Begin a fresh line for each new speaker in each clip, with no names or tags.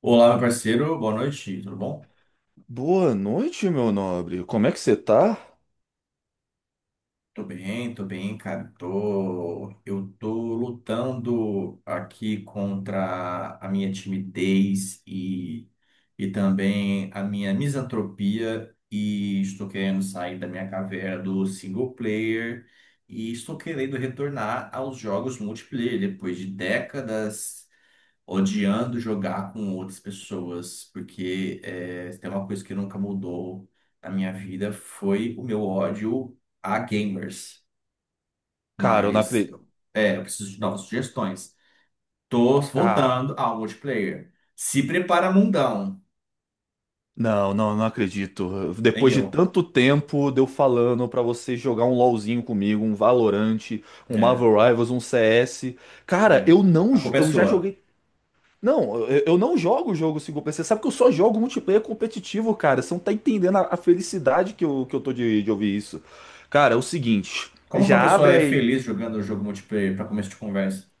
Olá, meu parceiro, boa noite, tudo bom?
Boa noite, meu nobre. Como é que você tá?
Tô bem, cara. Eu tô lutando aqui contra a minha timidez e também a minha misantropia e estou querendo sair da minha caverna do single player e estou querendo retornar aos jogos multiplayer depois de décadas odiando jogar com outras pessoas, porque se tem uma coisa que nunca mudou na minha vida foi o meu ódio a gamers.
Cara, eu não
Mas
acredito.
eu preciso de novas sugestões. Tô
Cara,
voltando ao multiplayer. Se prepara, mundão.
não acredito.
Tem
Depois de
eu.
tanto tempo de eu falando pra você jogar um LoLzinho comigo, um valorante, um
É,
Marvel Rivals, um CS. Cara,
é.
eu não,
A culpa é
eu já
sua.
joguei. Não, eu não jogo jogo single player. Você sabe que eu só jogo multiplayer competitivo, cara. Você não tá entendendo a felicidade que eu tô de ouvir isso. Cara, é o seguinte.
Como que
Já
uma
abre
pessoa é
aí.
feliz jogando o jogo multiplayer para começo de conversa?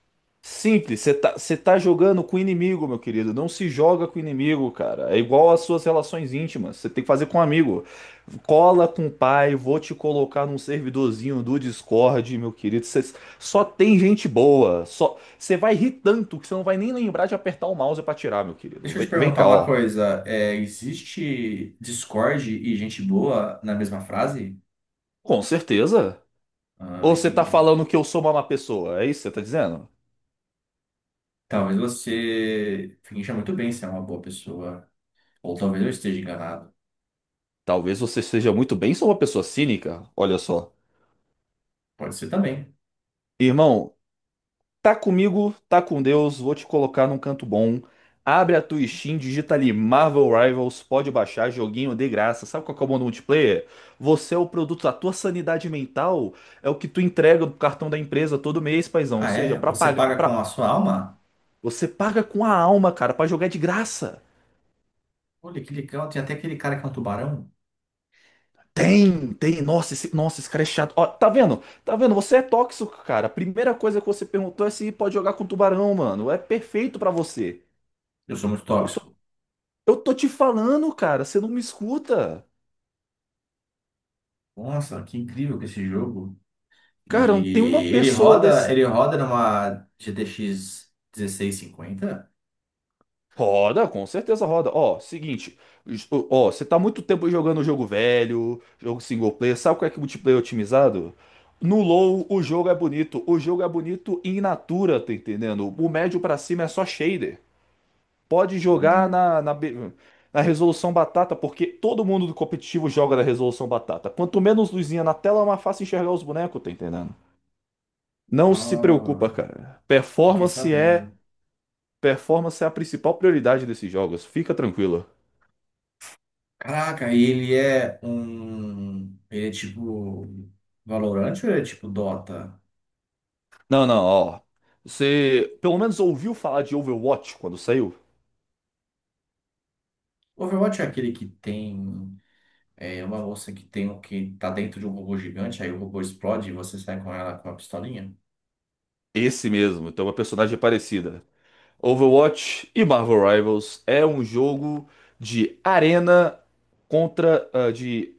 Simples, você tá jogando com o inimigo, meu querido. Não se joga com o inimigo, cara. É igual às suas relações íntimas. Você tem que fazer com um amigo. Cola com o pai, vou te colocar num servidorzinho do Discord, meu querido. Você só tem gente boa. Só você vai rir tanto que você não vai nem lembrar de apertar o mouse pra tirar, meu querido.
Deixa eu te
Vem, vem
perguntar
cá,
uma
ó.
coisa. É, existe Discord e gente boa na mesma frase?
Com certeza.
Ah,
Ou você tá
entendi.
falando que eu sou uma má pessoa? É isso que você tá dizendo?
Talvez você finja muito bem ser uma boa pessoa. Ou talvez eu esteja enganado.
Talvez você seja muito bem, sou uma pessoa cínica. Olha só.
Pode ser também.
Irmão, tá comigo, tá com Deus, vou te colocar num canto bom. Abre a tua Steam, digita ali Marvel Rivals, pode baixar, joguinho de graça. Sabe qual que é o modo multiplayer? Você é o produto, a tua sanidade mental é o que tu entrega do cartão da empresa todo mês, paizão. Ou
Ah,
seja,
é?
pra
Você
pagar,
paga com
pra...
a sua alma?
você paga com a alma, cara, pra jogar de graça.
Olha, que legal. Tem até aquele cara que é um tubarão.
Tem, tem, nossa, esse cara é chato. Ó, tá vendo? Tá vendo? Você é tóxico, cara. A primeira coisa que você perguntou é se pode jogar com tubarão, mano. É perfeito pra você.
Eu sou muito
Eu
tóxico.
Eu tô te falando, cara, você não me escuta.
Nossa, que incrível que é esse jogo.
Cara, não tem
E
uma pessoa desse.
ele roda numa GTX 50.
Roda, com certeza roda. Ó, seguinte, ó, você tá muito tempo jogando jogo velho, jogo single player, sabe qual é que é multiplayer otimizado? No low, o jogo é bonito. O jogo é bonito in natura, tá entendendo? O médio pra cima é só shader. Pode jogar
Hum.
na na resolução batata, porque todo mundo do competitivo joga na resolução batata. Quanto menos luzinha na tela, mais fácil enxergar os bonecos, tá entendendo? Não se preocupa,
Ah,
cara.
fiquei sabendo.
Performance é a principal prioridade desses jogos. Fica tranquilo.
Caraca, e ele é um. Ele é tipo. Valorant ou ele é tipo Dota?
Não, não, ó. Você pelo menos ouviu falar de Overwatch quando saiu?
Overwatch é aquele que tem. É uma moça que tem um que tá dentro de um robô gigante, aí o robô explode e você sai com ela com uma pistolinha.
Esse mesmo, então é uma personagem parecida. Overwatch e Marvel Rivals é um jogo de arena contra de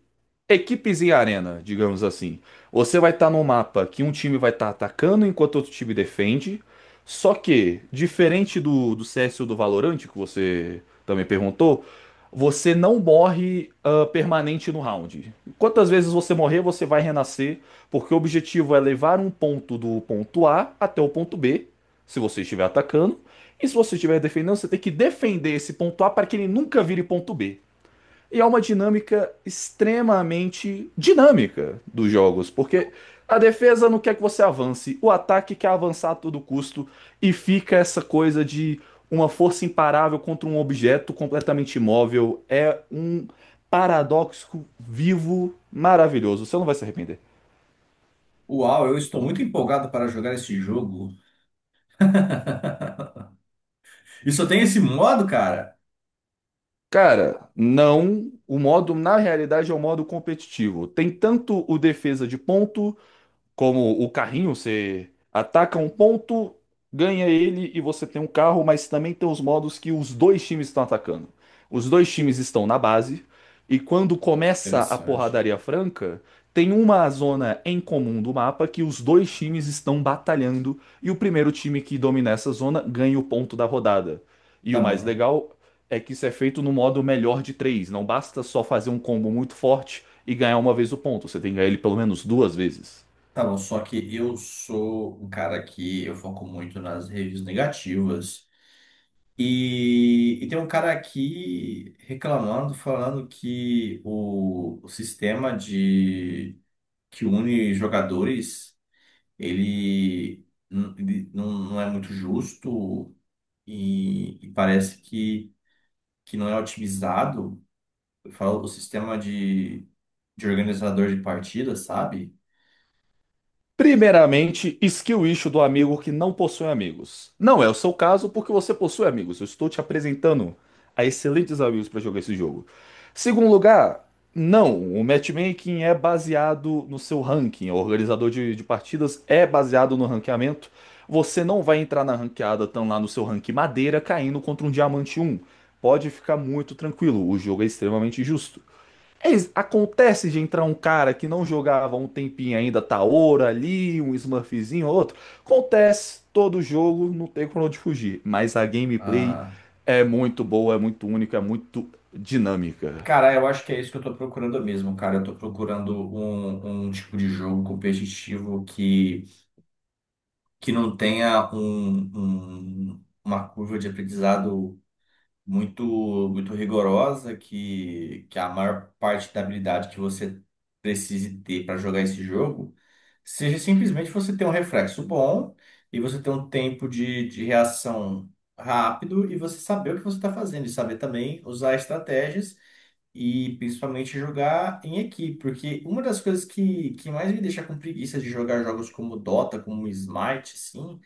equipes em arena, digamos assim. Você vai estar num mapa que um time vai estar atacando enquanto outro time defende. Só que, diferente do CS ou do Valorant, que você também perguntou, você não morre permanente no round. Quantas vezes você morrer, você vai renascer, porque o objetivo é levar um ponto do ponto A até o ponto B, se você estiver atacando, e se você estiver defendendo, você tem que defender esse ponto A para que ele nunca vire ponto B. E é uma dinâmica extremamente dinâmica dos jogos, porque a defesa não quer que você avance, o ataque quer avançar a todo custo e fica essa coisa de uma força imparável contra um objeto completamente imóvel. É um paradoxo vivo maravilhoso. Você não vai se arrepender.
Uau, eu estou muito empolgado para jogar esse jogo. E só tem esse modo, cara?
Cara, não. O modo, na realidade, é um modo competitivo. Tem tanto o defesa de ponto como o carrinho, você ataca um ponto, ganha ele e você tem um carro, mas também tem os modos que os dois times estão atacando. Os dois times estão na base e quando começa a
Interessante.
porradaria franca, tem uma zona em comum do mapa que os dois times estão batalhando e o primeiro time que domina essa zona ganha o ponto da rodada. E
Tá
o mais
bom.
legal é que isso é feito no modo melhor de três. Não basta só fazer um combo muito forte e ganhar uma vez o ponto. Você tem que ganhar ele pelo menos duas vezes.
Tá bom, só que eu sou um cara que eu foco muito nas reviews negativas. E tem um cara aqui reclamando, falando que o sistema de que une jogadores. Ele não, não é muito justo e parece que não é otimizado. Eu falo o sistema de organizador de partidas, sabe?
Primeiramente, skill issue do amigo que não possui amigos. Não é o seu caso porque você possui amigos. Eu estou te apresentando a excelentes amigos para jogar esse jogo. Segundo lugar, não, o matchmaking é baseado no seu ranking. O organizador de partidas é baseado no ranqueamento. Você não vai entrar na ranqueada tão lá no seu ranking madeira caindo contra um diamante um. Pode ficar muito tranquilo, o jogo é extremamente justo. É, acontece de entrar um cara que não jogava há um tempinho ainda, Taora ali, um Smurfzinho, outro. Acontece, todo jogo, não tem como onde fugir. Mas a gameplay
Ah,
é muito boa, é muito única, é muito dinâmica.
cara, eu acho que é isso que eu tô procurando mesmo, cara. Eu tô procurando um tipo de jogo competitivo que não tenha uma curva de aprendizado muito muito rigorosa que a maior parte da habilidade que você precise ter para jogar esse jogo seja simplesmente você ter um reflexo bom e você ter um tempo de reação rápido e você saber o que você está fazendo e saber também usar estratégias e principalmente jogar em equipe, porque uma das coisas que mais me deixa com preguiça de jogar jogos como Dota, como Smite, assim,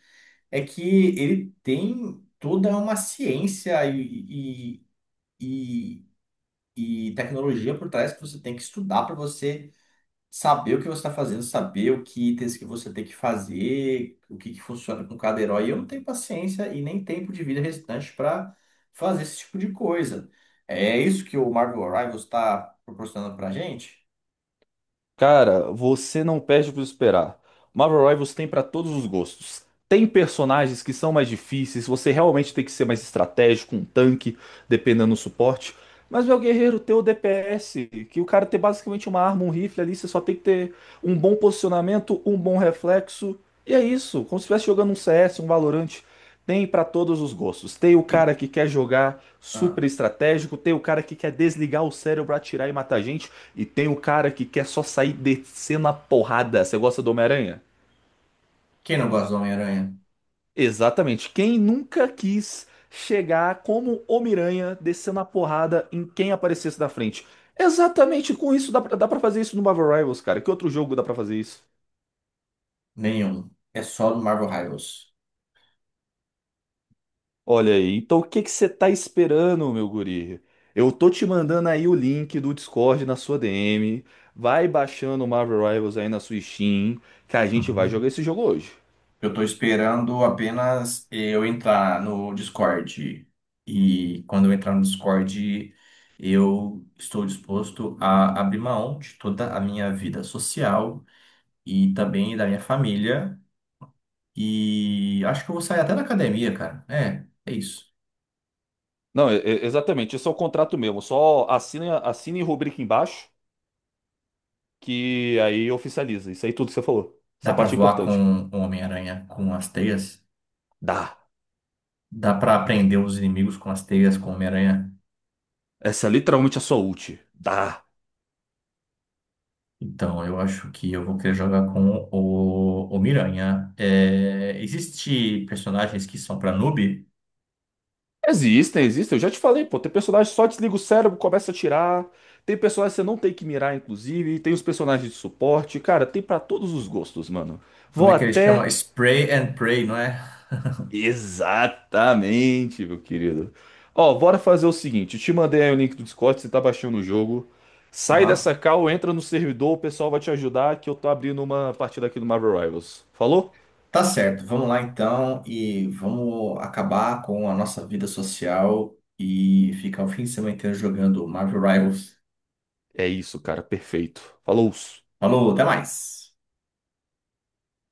é que ele tem toda uma ciência e, e tecnologia por trás que você tem que estudar para você saber o que você está fazendo, saber o que itens que você tem que fazer, o que, que funciona com cada herói. Eu não tenho paciência e nem tempo de vida restante para fazer esse tipo de coisa. É isso que o Marvel Rivals está proporcionando para gente.
Cara, você não perde para esperar. Marvel Rivals tem para todos os gostos. Tem personagens que são mais difíceis, você realmente tem que ser mais estratégico, um tanque, dependendo do suporte. Mas meu guerreiro tem o DPS, que o cara tem basicamente uma arma, um rifle ali, você só tem que ter um bom posicionamento, um bom reflexo. E é isso, como se estivesse jogando um CS, um Valorant. Tem para todos os gostos. Tem o
E
cara que quer jogar
ah,
super estratégico, tem o cara que quer desligar o cérebro, atirar e matar gente. E tem o cara que quer só sair descendo a porrada. Você gosta do Homem-Aranha?
Quem não gosta do Homem-Aranha?
Exatamente. Quem nunca quis chegar como Homem-Aranha descendo a porrada em quem aparecesse na frente? Exatamente com isso, dá pra fazer isso no Marvel Rivals, cara. Que outro jogo dá pra fazer isso?
Nenhum. É só do Marvel Rivals.
Olha aí, então o que que você tá esperando, meu guri? Eu tô te mandando aí o link do Discord na sua DM. Vai baixando o Marvel Rivals aí na sua Steam, que a gente vai jogar esse jogo hoje.
Eu tô esperando apenas eu entrar no Discord. E quando eu entrar no Discord, eu estou disposto a abrir mão de toda a minha vida social e também da minha família. E acho que eu vou sair até da academia, cara. É, é isso.
Não, exatamente. Isso é o contrato mesmo. Só assina, assina e rubrica embaixo, que aí oficializa. Isso aí tudo que você falou.
Dá
Essa
pra
parte é
voar
importante.
com o Homem-Aranha com as teias?
Dá.
Dá pra prender os inimigos com as teias com o Homem-Aranha?
Essa é literalmente a sua ult. Dá.
Então, eu acho que eu vou querer jogar com o Miranha. É, existe personagens que são para noob?
Existem, existem. Eu já te falei, pô. Tem personagem que só desliga o cérebro, começa a tirar. Tem personagem que você não tem que mirar, inclusive. Tem os personagens de suporte. Cara, tem pra todos os gostos, mano.
Como
Vou
é que eles chamam?
até
Spray and Pray, não é?
exatamente, meu querido. Ó, bora fazer o seguinte: eu te mandei aí o link do Discord, você tá baixando o jogo. Sai
Aham.
dessa call, entra no servidor, o pessoal vai te ajudar, que eu tô abrindo uma partida aqui do Marvel Rivals. Falou?
Tá certo, vamos lá então e vamos acabar com a nossa vida social e ficar o fim de semana inteiro jogando Marvel Rivals.
É isso, cara, perfeito. Falou!
Falou, até mais!